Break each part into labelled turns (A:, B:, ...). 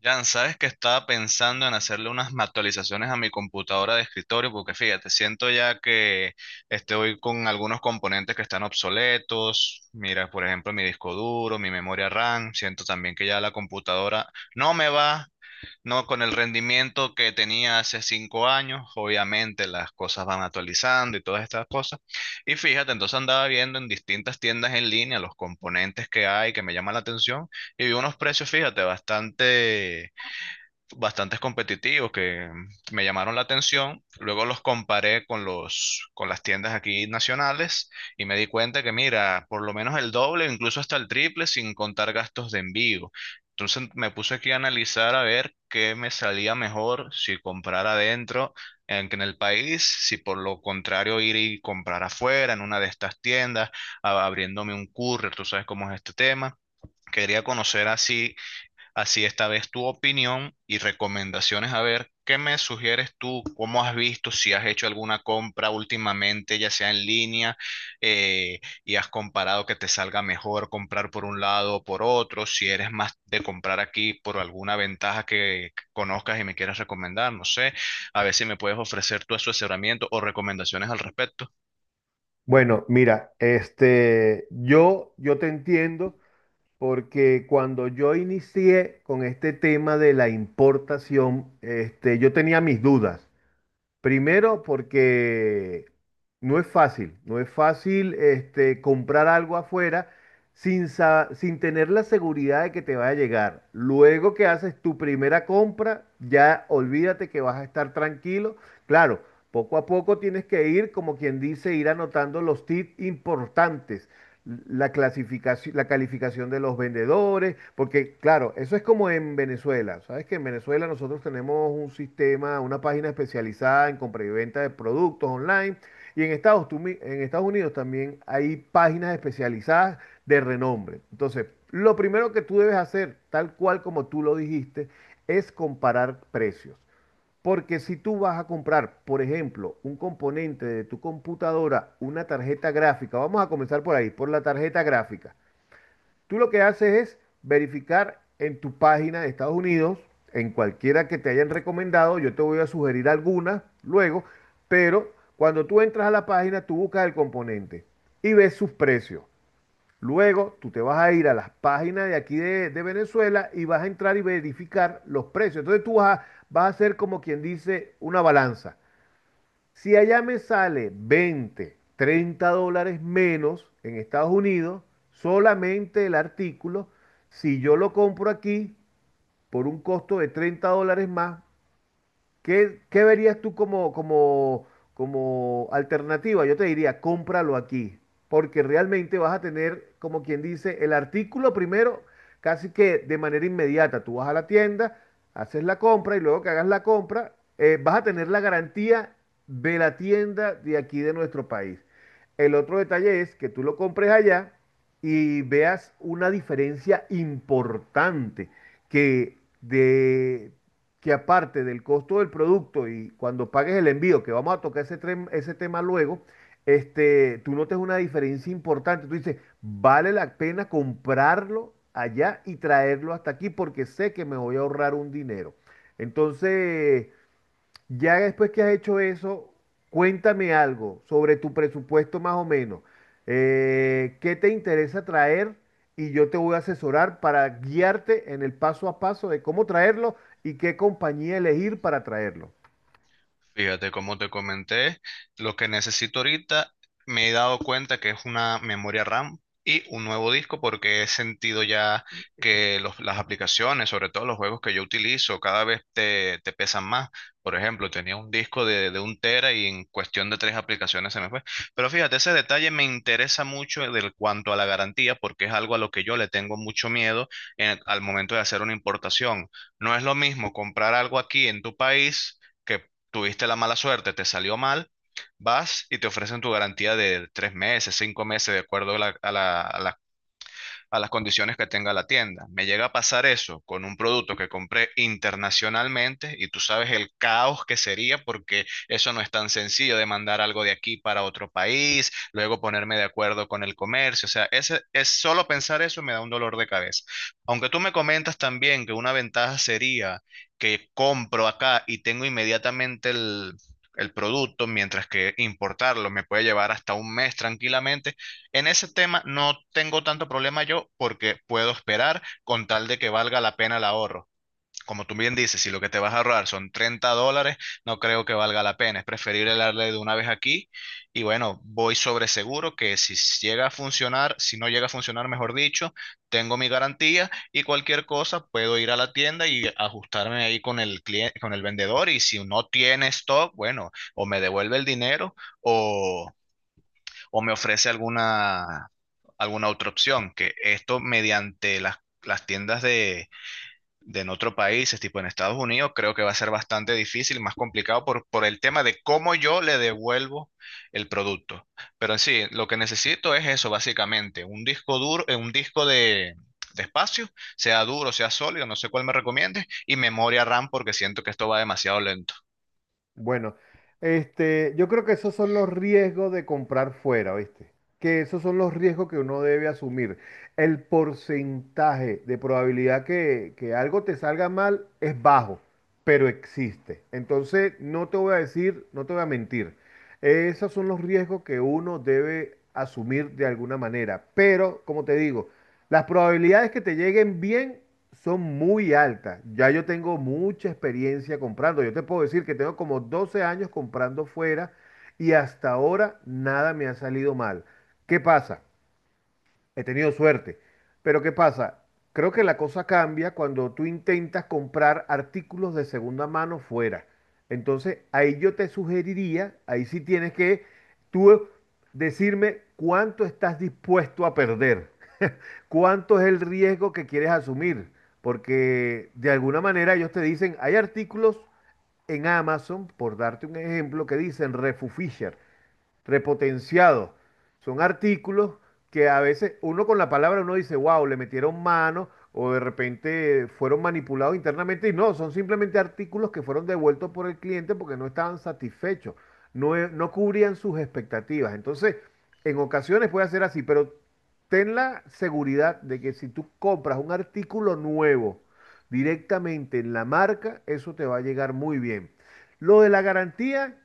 A: Jan, sabes que estaba pensando en hacerle unas actualizaciones a mi computadora de escritorio, porque fíjate, siento ya que estoy con algunos componentes que están obsoletos. Mira, por ejemplo, mi disco duro, mi memoria RAM. Siento también que ya la computadora no me va, no con el rendimiento que tenía hace 5 años. Obviamente las cosas van actualizando y todas estas cosas. Y fíjate, entonces andaba viendo en distintas tiendas en línea los componentes que hay que me llaman la atención y vi unos precios, fíjate, bastantes competitivos que me llamaron la atención. Luego los comparé con con las tiendas aquí nacionales y me di cuenta que, mira, por lo menos el doble, incluso hasta el triple, sin contar gastos de envío. Entonces me puse aquí a analizar a ver qué me salía mejor si comprar adentro en el país, si por lo contrario ir y comprar afuera en una de estas tiendas, abriéndome un courier, tú sabes cómo es este tema. Quería conocer así Así esta vez tu opinión y recomendaciones. A ver, ¿qué me sugieres tú? ¿Cómo has visto? Si has hecho alguna compra últimamente, ya sea en línea, y has comparado que te salga mejor comprar por un lado o por otro. Si eres más de comprar aquí por alguna ventaja que conozcas y me quieras recomendar, no sé. A ver si me puedes ofrecer tu asesoramiento o recomendaciones al respecto.
B: Bueno, mira, yo te entiendo porque cuando yo inicié con este tema de la importación, yo tenía mis dudas. Primero porque no es fácil, no es fácil comprar algo afuera sin tener la seguridad de que te va a llegar. Luego que haces tu primera compra, ya olvídate que vas a estar tranquilo. Claro, poco a poco tienes que ir, como quien dice, ir anotando los tips importantes, la clasificación, la calificación de los vendedores, porque claro, eso es como en Venezuela. Sabes que en Venezuela nosotros tenemos un sistema, una página especializada en compra y venta de productos online, y en Estados Unidos también hay páginas especializadas de renombre. Entonces, lo primero que tú debes hacer, tal cual como tú lo dijiste, es comparar precios. Porque si tú vas a comprar, por ejemplo, un componente de tu computadora, una tarjeta gráfica, vamos a comenzar por ahí, por la tarjeta gráfica. Tú lo que haces es verificar en tu página de Estados Unidos, en cualquiera que te hayan recomendado, yo te voy a sugerir algunas luego, pero cuando tú entras a la página, tú buscas el componente y ves sus precios. Luego tú te vas a ir a las páginas de aquí de Venezuela y vas a entrar y verificar los precios. Entonces tú vas a hacer como quien dice una balanza. Si allá me sale 20, $30 menos en Estados Unidos, solamente el artículo, si yo lo compro aquí por un costo de $30 más, ¿Qué verías tú como alternativa? Yo te diría, cómpralo aquí, porque realmente vas a tener, como quien dice, el artículo primero, casi que de manera inmediata. Tú vas a la tienda, haces la compra y luego que hagas la compra, vas a tener la garantía de la tienda de aquí de nuestro país. El otro detalle es que tú lo compres allá y veas una diferencia importante que de que aparte del costo del producto y cuando pagues el envío, que vamos a tocar ese tema luego, tú notes una diferencia importante. Tú dices, vale la pena comprarlo allá y traerlo hasta aquí porque sé que me voy a ahorrar un dinero. Entonces, ya después que has hecho eso, cuéntame algo sobre tu presupuesto más o menos. ¿Qué te interesa traer? Y yo te voy a asesorar para guiarte en el paso a paso de cómo traerlo y qué compañía elegir para traerlo.
A: Fíjate, como te comenté, lo que necesito ahorita me he dado cuenta que es una memoria RAM y un nuevo disco porque he sentido ya que las aplicaciones, sobre todo los juegos que yo utilizo, cada vez te pesan más. Por ejemplo, tenía un disco de un tera y en cuestión de tres aplicaciones se me fue. Pero fíjate, ese detalle me interesa mucho del cuanto a la garantía porque es algo a lo que yo le tengo mucho miedo al momento de hacer una importación. No es lo mismo comprar algo aquí en tu país, tuviste la mala suerte, te salió mal, vas y te ofrecen tu garantía de 3 meses, 5 meses, de acuerdo a la a las condiciones que tenga la tienda. Me llega a pasar eso con un producto que compré internacionalmente y tú sabes el caos que sería porque eso no es tan sencillo de mandar algo de aquí para otro país, luego ponerme de acuerdo con el comercio. O sea, ese, es solo pensar eso me da un dolor de cabeza. Aunque tú me comentas también que una ventaja sería que compro acá y tengo inmediatamente el producto, mientras que importarlo me puede llevar hasta un mes tranquilamente. En ese tema no tengo tanto problema yo porque puedo esperar con tal de que valga la pena el ahorro. Como tú bien dices, si lo que te vas a ahorrar son $30, no creo que valga la pena. Es preferible darle de una vez aquí y bueno, voy sobre seguro que si llega a funcionar, si no llega a funcionar, mejor dicho, tengo mi garantía y cualquier cosa puedo ir a la tienda y ajustarme ahí con el cliente, con el vendedor y si no tiene stock, bueno, o me devuelve el dinero o me ofrece alguna, alguna otra opción, que esto mediante las tiendas de en otro país, es tipo en Estados Unidos, creo que va a ser bastante difícil, más complicado por el tema de cómo yo le devuelvo el producto. Pero en sí, lo que necesito es eso, básicamente, un disco duro, un disco de espacio, sea duro, sea sólido, no sé cuál me recomiendes, y memoria RAM porque siento que esto va demasiado lento.
B: Bueno, yo creo que esos son los riesgos de comprar fuera, ¿viste? Que esos son los riesgos que uno debe asumir. El porcentaje de probabilidad que algo te salga mal es bajo, pero existe. Entonces, no te voy a decir, no te voy a mentir. Esos son los riesgos que uno debe asumir de alguna manera. Pero, como te digo, las probabilidades que te lleguen bien son muy altas. Ya yo tengo mucha experiencia comprando. Yo te puedo decir que tengo como 12 años comprando fuera y hasta ahora nada me ha salido mal. ¿Qué pasa? He tenido suerte. Pero ¿qué pasa? Creo que la cosa cambia cuando tú intentas comprar artículos de segunda mano fuera. Entonces, ahí yo te sugeriría, ahí sí tienes que tú decirme cuánto estás dispuesto a perder, cuánto es el riesgo que quieres asumir, porque de alguna manera ellos te dicen, hay artículos en Amazon, por darte un ejemplo, que dicen Refu Fisher repotenciados. Son artículos que a veces uno con la palabra uno dice, wow, le metieron mano o de repente fueron manipulados internamente y no, son simplemente artículos que fueron devueltos por el cliente porque no estaban satisfechos, no, no cubrían sus expectativas. Entonces, en ocasiones puede ser así, pero ten la seguridad de que si tú compras un artículo nuevo directamente en la marca, eso te va a llegar muy bien. Lo de la garantía,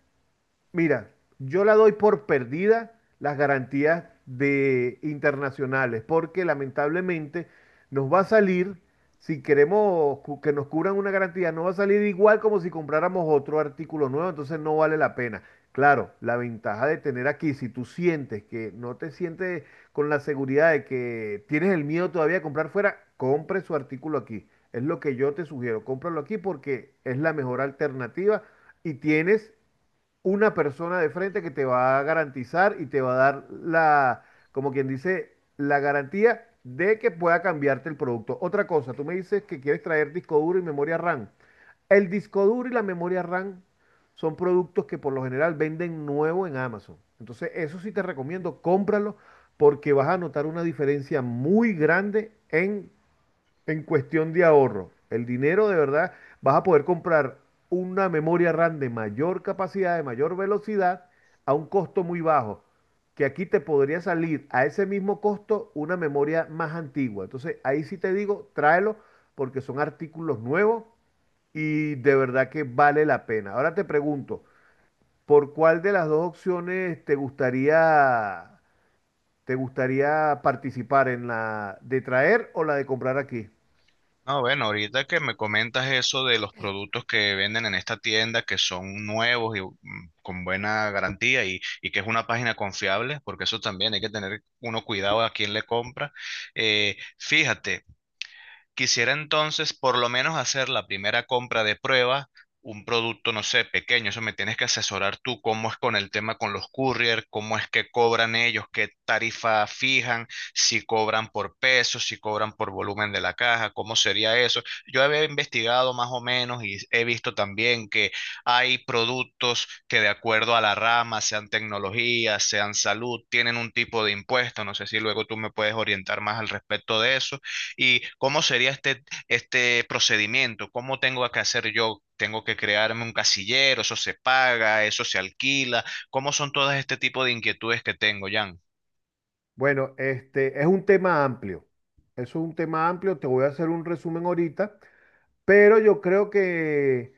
B: mira, yo la doy por perdida las garantías de internacionales, porque lamentablemente nos va a salir, si queremos que nos cubran una garantía, no va a salir igual como si compráramos otro artículo nuevo, entonces no vale la pena. Claro, la ventaja de tener aquí, si tú sientes que no te sientes con la seguridad de que tienes el miedo todavía de comprar fuera, compre su artículo aquí. Es lo que yo te sugiero, cómpralo aquí porque es la mejor alternativa y tienes una persona de frente que te va a garantizar y te va a dar la, como quien dice, la garantía de que pueda cambiarte el producto. Otra cosa, tú me dices que quieres traer disco duro y memoria RAM. El disco duro y la memoria RAM son productos que por lo general venden nuevo en Amazon. Entonces, eso sí te recomiendo, cómpralo porque vas a notar una diferencia muy grande en cuestión de ahorro. El dinero de verdad, vas a poder comprar una memoria RAM de mayor capacidad, de mayor velocidad, a un costo muy bajo. Que aquí te podría salir a ese mismo costo una memoria más antigua. Entonces, ahí sí te digo, tráelo porque son artículos nuevos y de verdad que vale la pena. Ahora te pregunto, ¿por cuál de las dos opciones te gustaría participar, en la de traer o la de comprar aquí?
A: No, bueno, ahorita que me comentas eso de los productos que venden en esta tienda que son nuevos y con buena garantía y que es una página confiable, porque eso también hay que tener uno cuidado a quién le compra. Fíjate. Quisiera entonces por lo menos hacer la primera compra de prueba, un producto, no sé, pequeño. Eso me tienes que asesorar tú, cómo es con el tema con los courier, cómo es que cobran ellos, qué tarifa fijan, si cobran por peso, si cobran por volumen de la caja, cómo sería eso. Yo había investigado más o menos y he visto también que hay productos que de acuerdo a la rama, sean tecnología, sean salud, tienen un tipo de impuesto. No sé si luego tú me puedes orientar más al respecto de eso. ¿Y cómo sería este procedimiento? ¿Cómo tengo que hacer yo? ¿Tengo que crearme un casillero? ¿Eso se paga? ¿Eso se alquila? ¿Cómo son todas este tipo de inquietudes que tengo, Jan?
B: Bueno, este es un tema amplio. Eso es un tema amplio. Te voy a hacer un resumen ahorita, pero yo creo que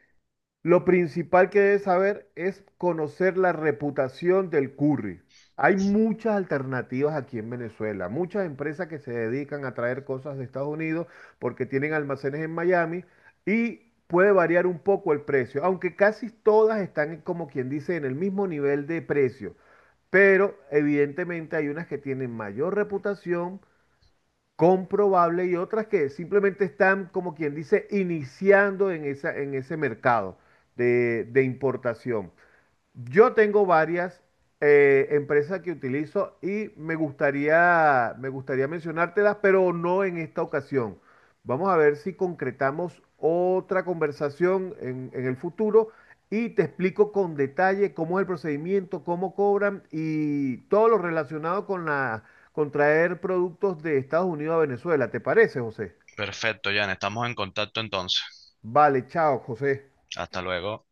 B: lo principal que debes saber es conocer la reputación del curry. Hay muchas alternativas aquí en Venezuela, muchas empresas que se dedican a traer cosas de Estados Unidos porque tienen almacenes en Miami y puede variar un poco el precio, aunque casi todas están como quien dice en el mismo nivel de precio, pero evidentemente hay unas que tienen mayor reputación comprobable y otras que simplemente están, como quien dice, iniciando en esa, en ese mercado de importación. Yo tengo varias empresas que utilizo y me gustaría mencionártelas, pero no en esta ocasión. Vamos a ver si concretamos otra conversación en el futuro y te explico con detalle cómo es el procedimiento, cómo cobran y todo lo relacionado con con traer productos de Estados Unidos a Venezuela. ¿Te parece, José?
A: Perfecto, Jan. Estamos en contacto entonces.
B: Vale, chao, José.
A: Hasta luego.